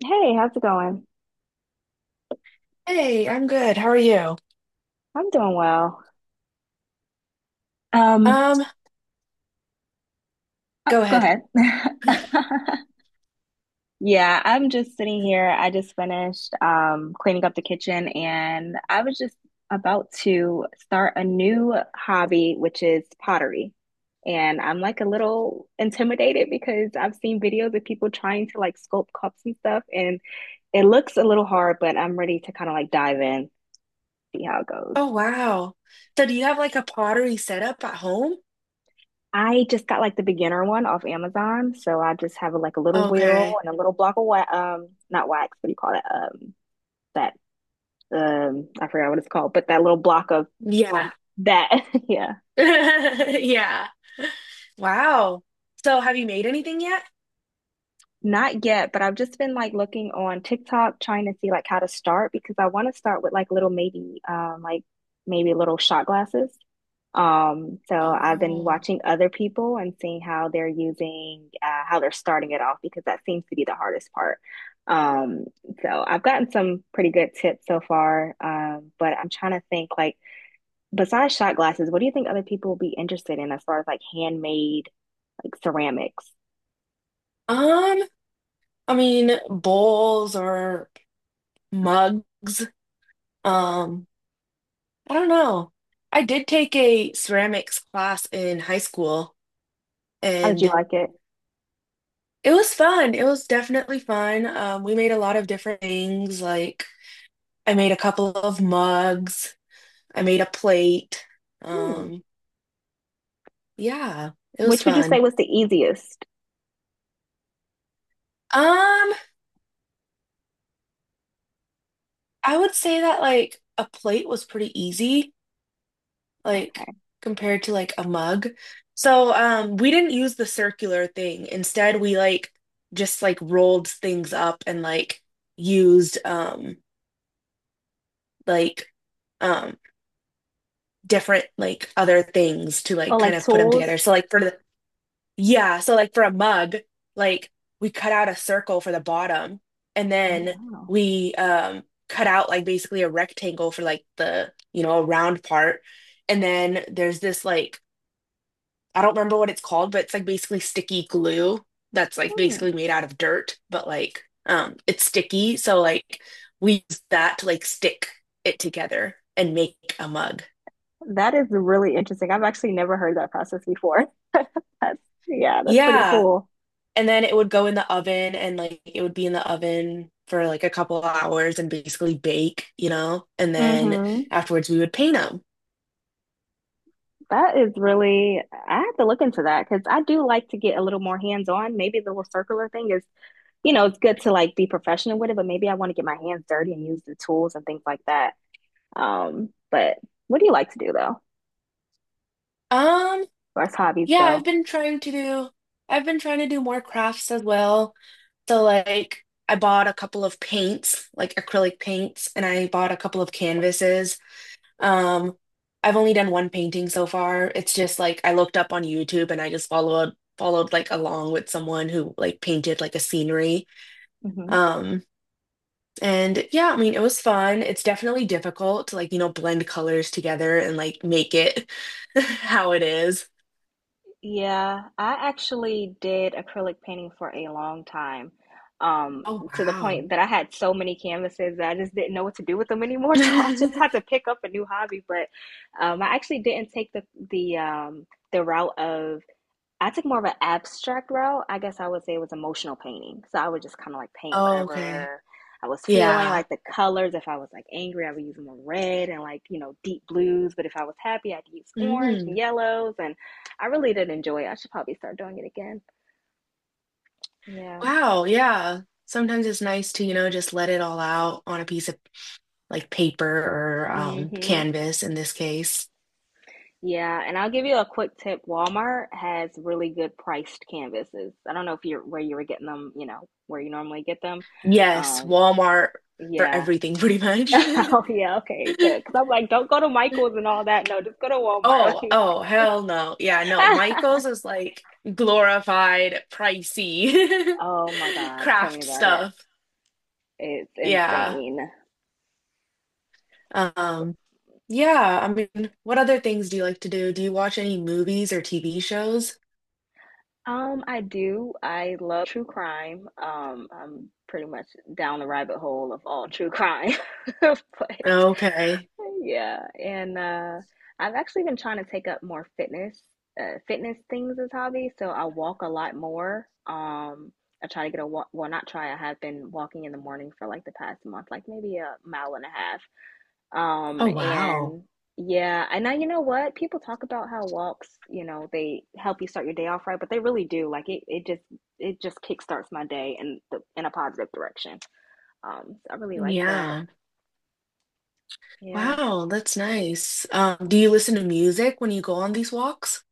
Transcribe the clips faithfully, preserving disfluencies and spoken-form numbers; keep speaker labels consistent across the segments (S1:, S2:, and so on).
S1: Hey, how's it going?
S2: Hey, I'm good. How are you?
S1: I'm doing well. Um,
S2: Um,
S1: oh,
S2: Go
S1: go
S2: ahead.
S1: ahead. Yeah, I'm just sitting here. I just finished um cleaning up the kitchen and I was just about to start a new hobby, which is pottery. And I'm like a little intimidated because I've seen videos of people trying to like sculpt cups and stuff, and it looks a little hard, but I'm ready to kind of like dive in, see how it goes.
S2: Oh, wow. So do you have like a pottery setup at home?
S1: I just got like the beginner one off Amazon, so I just have like a little wheel
S2: Okay.
S1: and a little block of wax, um, not wax, what do you call it? Um, that um, I forgot what it's called, but that little block of
S2: Yeah.
S1: that, yeah.
S2: Yeah. Wow. So have you made anything yet?
S1: Not yet, but I've just been like looking on TikTok trying to see like how to start because I want to start with like little maybe um like maybe little shot glasses. Um, so I've been
S2: Oh.
S1: watching other people and seeing how they're using, uh, how they're starting it off because that seems to be the hardest part. Um, so I've gotten some pretty good tips so far. Um, but I'm trying to think like besides shot glasses, what do you think other people will be interested in as far as like handmade like ceramics?
S2: Um, I mean, bowls or mugs. Um, I don't know. I did take a ceramics class in high school,
S1: How did you
S2: and
S1: like it?
S2: it was fun. It was definitely fun. Um, we made a lot of different things. Like, I made a couple of mugs. I made a plate.
S1: Hmm.
S2: Um, yeah, it was
S1: Which would you say
S2: fun.
S1: was the easiest?
S2: Um, I would say that like a plate was pretty easy, like
S1: Okay.
S2: compared to like a mug. So, um, we didn't use the circular thing. Instead, we like just like rolled things up and like used um like um different like other things to
S1: Oh,
S2: like kind
S1: like
S2: of put them
S1: tools?
S2: together. So like for the, yeah, so like for a mug, like we cut out a circle for the bottom, and
S1: Oh,
S2: then
S1: wow.
S2: we um cut out like basically a rectangle for like the, you know, a round part. And then there's this like, I don't remember what it's called, but it's like basically sticky glue that's like
S1: Hmm.
S2: basically made out of dirt, but like um it's sticky, so like we use that to like stick it together and make a mug.
S1: That is really interesting. I've actually never heard that process before. That's, yeah, that's pretty
S2: Yeah.
S1: cool.
S2: And then it would go in the oven, and like it would be in the oven for like a couple of hours and basically bake, you know? And then
S1: Hmm.
S2: afterwards we would paint them.
S1: That is really, I have to look into that because I do like to get a little more hands-on. Maybe the little circular thing is, you know, it's good to like be professional with it, but maybe I want to get my hands dirty and use the tools and things like that. Um, but what do you like to do though, as
S2: Um,
S1: far as hobbies
S2: yeah, I've
S1: go?
S2: been trying to do I've been trying to do more crafts as well. So like I bought a couple of paints, like acrylic paints, and I bought a couple of canvases. Um, I've only done one painting so far. It's just like I looked up on YouTube, and I just followed followed like along with someone who like painted like a scenery. Um And yeah, I mean, it was fun. It's definitely difficult to like, you know, blend colors together and like make it how it is.
S1: Yeah, I actually did acrylic painting for a long time, um,
S2: Oh,
S1: to the
S2: wow.
S1: point that I had so many canvases that I just didn't know what to do with them anymore. So I just had to pick up a new hobby. But um, I actually didn't take the the um, the route of I took more of an abstract route. I guess I would say it was emotional painting. So I would just kind of like paint
S2: Oh, okay.
S1: whatever I was feeling,
S2: Yeah.
S1: like the colors. If I was like angry, I would use more red and like, you know, deep blues. But if I was happy, I'd use orange and
S2: Mm.
S1: yellows. And I really did enjoy it. I should probably start doing it again. Yeah.
S2: Wow. Yeah. Sometimes it's nice to, you know, just let it all out on a piece of like paper or um,
S1: Mm-hmm.
S2: canvas in this case.
S1: Yeah. And I'll give you a quick tip. Walmart has really good priced canvases. I don't know if you're where you were getting them, you know, where you normally get them.
S2: Yes,
S1: Um,
S2: Walmart for
S1: yeah.
S2: everything, pretty much.
S1: Oh yeah, okay, good. Because I'm like, don't go to Michael's and all that. No, just go to Walmart.
S2: Oh,
S1: Like,
S2: oh, hell no. Yeah, no. Michael's is like glorified, pricey
S1: oh my God, tell me
S2: craft
S1: about it.
S2: stuff.
S1: It's
S2: Yeah.
S1: insane.
S2: Um, yeah, I mean, what other things do you like to do? Do you watch any movies or T V shows?
S1: Um, I do. I love true crime. Um, I'm pretty much down the rabbit hole of all true crime. But
S2: Okay.
S1: yeah, and uh, I've actually been trying to take up more fitness, uh, fitness things as hobby. So I walk a lot more. Um, I try to get a walk. Well, not try. I have been walking in the morning for like the past month, like maybe a mile and a half. Um,
S2: Oh, wow.
S1: and yeah, and now you know what? People talk about how walks, you know, they help you start your day off right, but they really do. Like it, it just, it just kickstarts my day in the in a positive direction. Um, so I really like that.
S2: Yeah.
S1: Yeah.
S2: Wow, that's nice. Um, do you listen to music when you go on these walks?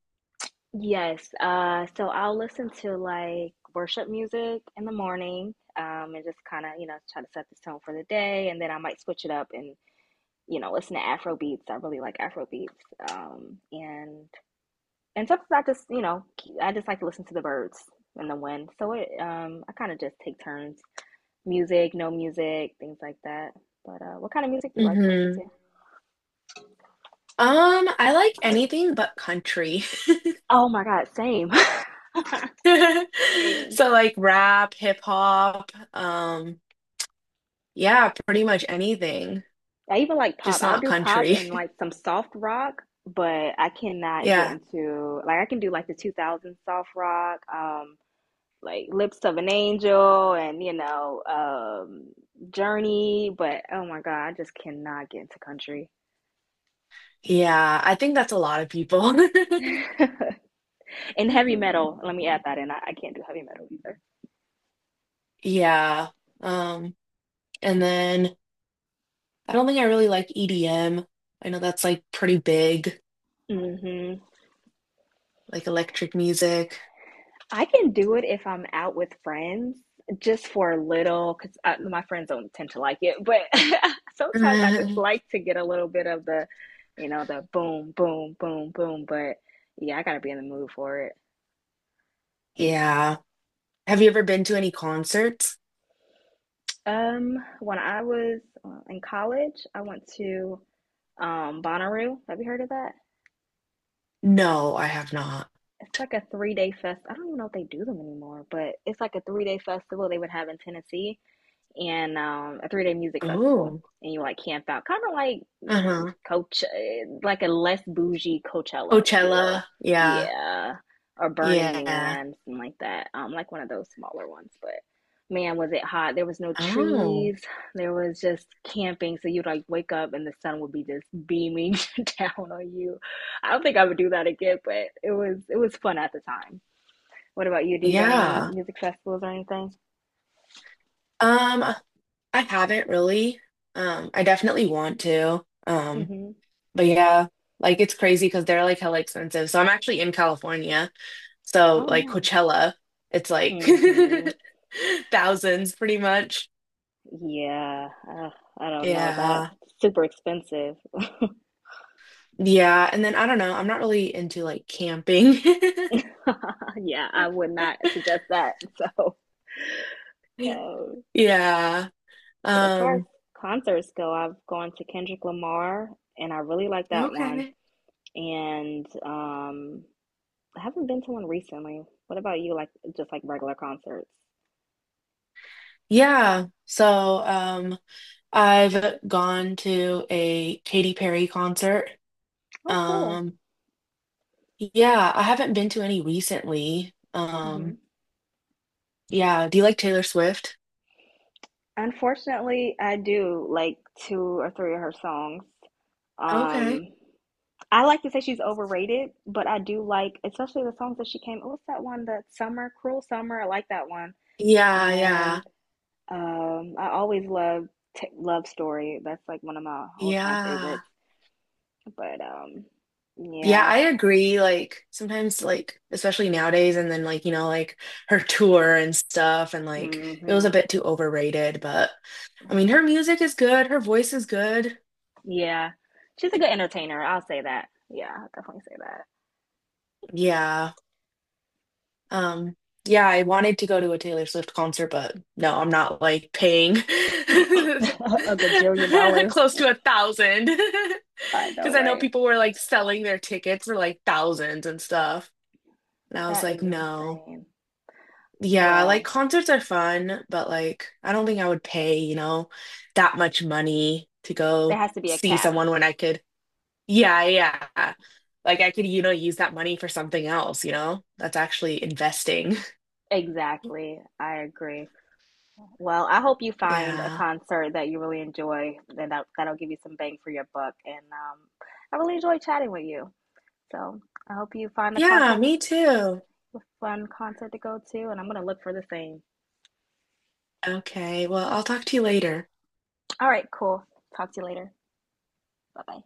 S1: Yes, uh, so I'll listen to like worship music in the morning, um, and just kind of, you know, try to set the tone for the day, and then I might switch it up and, you know, listen to Afro beats. I really like Afro beats. Um, and and sometimes I just, you know, k- I just like to listen to the birds and the wind. So it, um, I kind of just take turns, music, no music, things like that. But uh, what kind of music do you like to listen to?
S2: Mm-hmm. Um, I like anything but country.
S1: Oh my God, same. Same.
S2: So like rap, hip hop, um, yeah, pretty much anything,
S1: I even like pop.
S2: just
S1: I'll
S2: not
S1: do pop
S2: country.
S1: and like some soft rock, but I cannot get
S2: Yeah.
S1: into like I can do like the two thousand soft rock, um like Lips of an Angel and you know, um Journey, but oh my God, I just cannot get into country.
S2: Yeah, I think that's a lot of people.
S1: And heavy metal, let me add that in. I, I can't do heavy metal
S2: Yeah. Um, and then I don't think I really like E D M. I know that's like pretty big,
S1: either. Hmm.
S2: like electric music.
S1: I can do it if I'm out with friends, just for a little, because my friends don't tend to like it. But sometimes I just
S2: Uh,
S1: like to get a little bit of the, you know, the boom, boom, boom, boom. But yeah, I gotta be in the mood for it.
S2: yeah. Have you ever been to any concerts?
S1: Um, when I was uh, in college, I went to um Bonnaroo. Have you heard of that?
S2: No, I have not.
S1: It's like a three day fest. I don't even know if they do them anymore, but it's like a three day festival they would have in Tennessee and um, a three day music festival,
S2: Oh.
S1: and you like camp out, kind of like mm,
S2: Uh-huh.
S1: Coach, eh, like a less bougie Coachella, if you will,
S2: Coachella. Yeah.
S1: yeah, or Burning
S2: Yeah.
S1: Man, something like that, um, like one of those smaller ones. But man, was it hot! There was no
S2: Oh,
S1: trees, there was just camping, so you'd like wake up and the sun would be just beaming down on you. I don't think I would do that again, but it was it was fun at the time. What about you? Do you go on any
S2: yeah.
S1: music festivals or anything?
S2: Um, I haven't really. Um, I definitely want to. Um,
S1: Hmm.
S2: but yeah, like it's crazy because they're like hella expensive. So I'm actually in California. So
S1: Oh,
S2: like
S1: nice.
S2: Coachella, it's like
S1: Hmm.
S2: thousands pretty much.
S1: Yeah, uh, I don't know. That's
S2: Yeah.
S1: super expensive.
S2: Yeah. And then I don't know. I'm not really into like camping.
S1: Yeah, I would not suggest that. So, uh,
S2: Yeah.
S1: but as far as
S2: Um,
S1: concerts go, I've gone to Kendrick Lamar, and I really like that one.
S2: okay.
S1: And um, I haven't been to one recently. What about you? Like just like regular concerts?
S2: Yeah. So, um, I've gone to a Katy Perry concert.
S1: Oh, cool.
S2: Um, yeah, I haven't been to any recently.
S1: Hmm.
S2: Um, yeah, do you like Taylor Swift?
S1: Unfortunately, I do like two or three of her songs.
S2: Okay.
S1: Um, I like to say she's overrated, but I do like, especially the songs that she came. What's that one? The Summer, Cruel Summer. I like that one.
S2: Yeah, yeah,
S1: And um, I always love t- Love Story. That's like one of my all time
S2: yeah.
S1: favorites. But um,
S2: Yeah,
S1: yeah,
S2: I agree. Like sometimes like especially nowadays and then like, you know, like her tour and stuff, and like it was a
S1: hmm
S2: bit too overrated, but I mean her music is good, her voice is good.
S1: yeah, she's a good entertainer. I'll say that. Yeah, I'll definitely
S2: Yeah. Um, yeah, I wanted to go to a Taylor Swift concert, but no, I'm not like paying
S1: say that. a gajillion dollars.
S2: close to a thousand
S1: I know,
S2: because I know
S1: right?
S2: people were like selling their tickets for like thousands and stuff. And I was
S1: That
S2: like,
S1: is
S2: no.
S1: insane.
S2: Yeah, like
S1: Well,
S2: concerts are fun, but like I don't think I would pay, you know, that much money to
S1: there
S2: go
S1: has to be a
S2: see
S1: cap.
S2: someone when I could. Yeah, yeah. Like I could, you know, use that money for something else, you know? That's actually investing.
S1: Exactly. I agree. Well, I hope you find a
S2: Yeah.
S1: concert that you really enjoy, and that that'll give you some bang for your buck. And um, I really enjoy chatting with you. So I hope you find the
S2: Yeah,
S1: concert, a
S2: me too.
S1: fun concert to go to, and I'm gonna look for the same.
S2: Okay, well, I'll talk to you later.
S1: All right, cool. Talk to you later. Bye bye.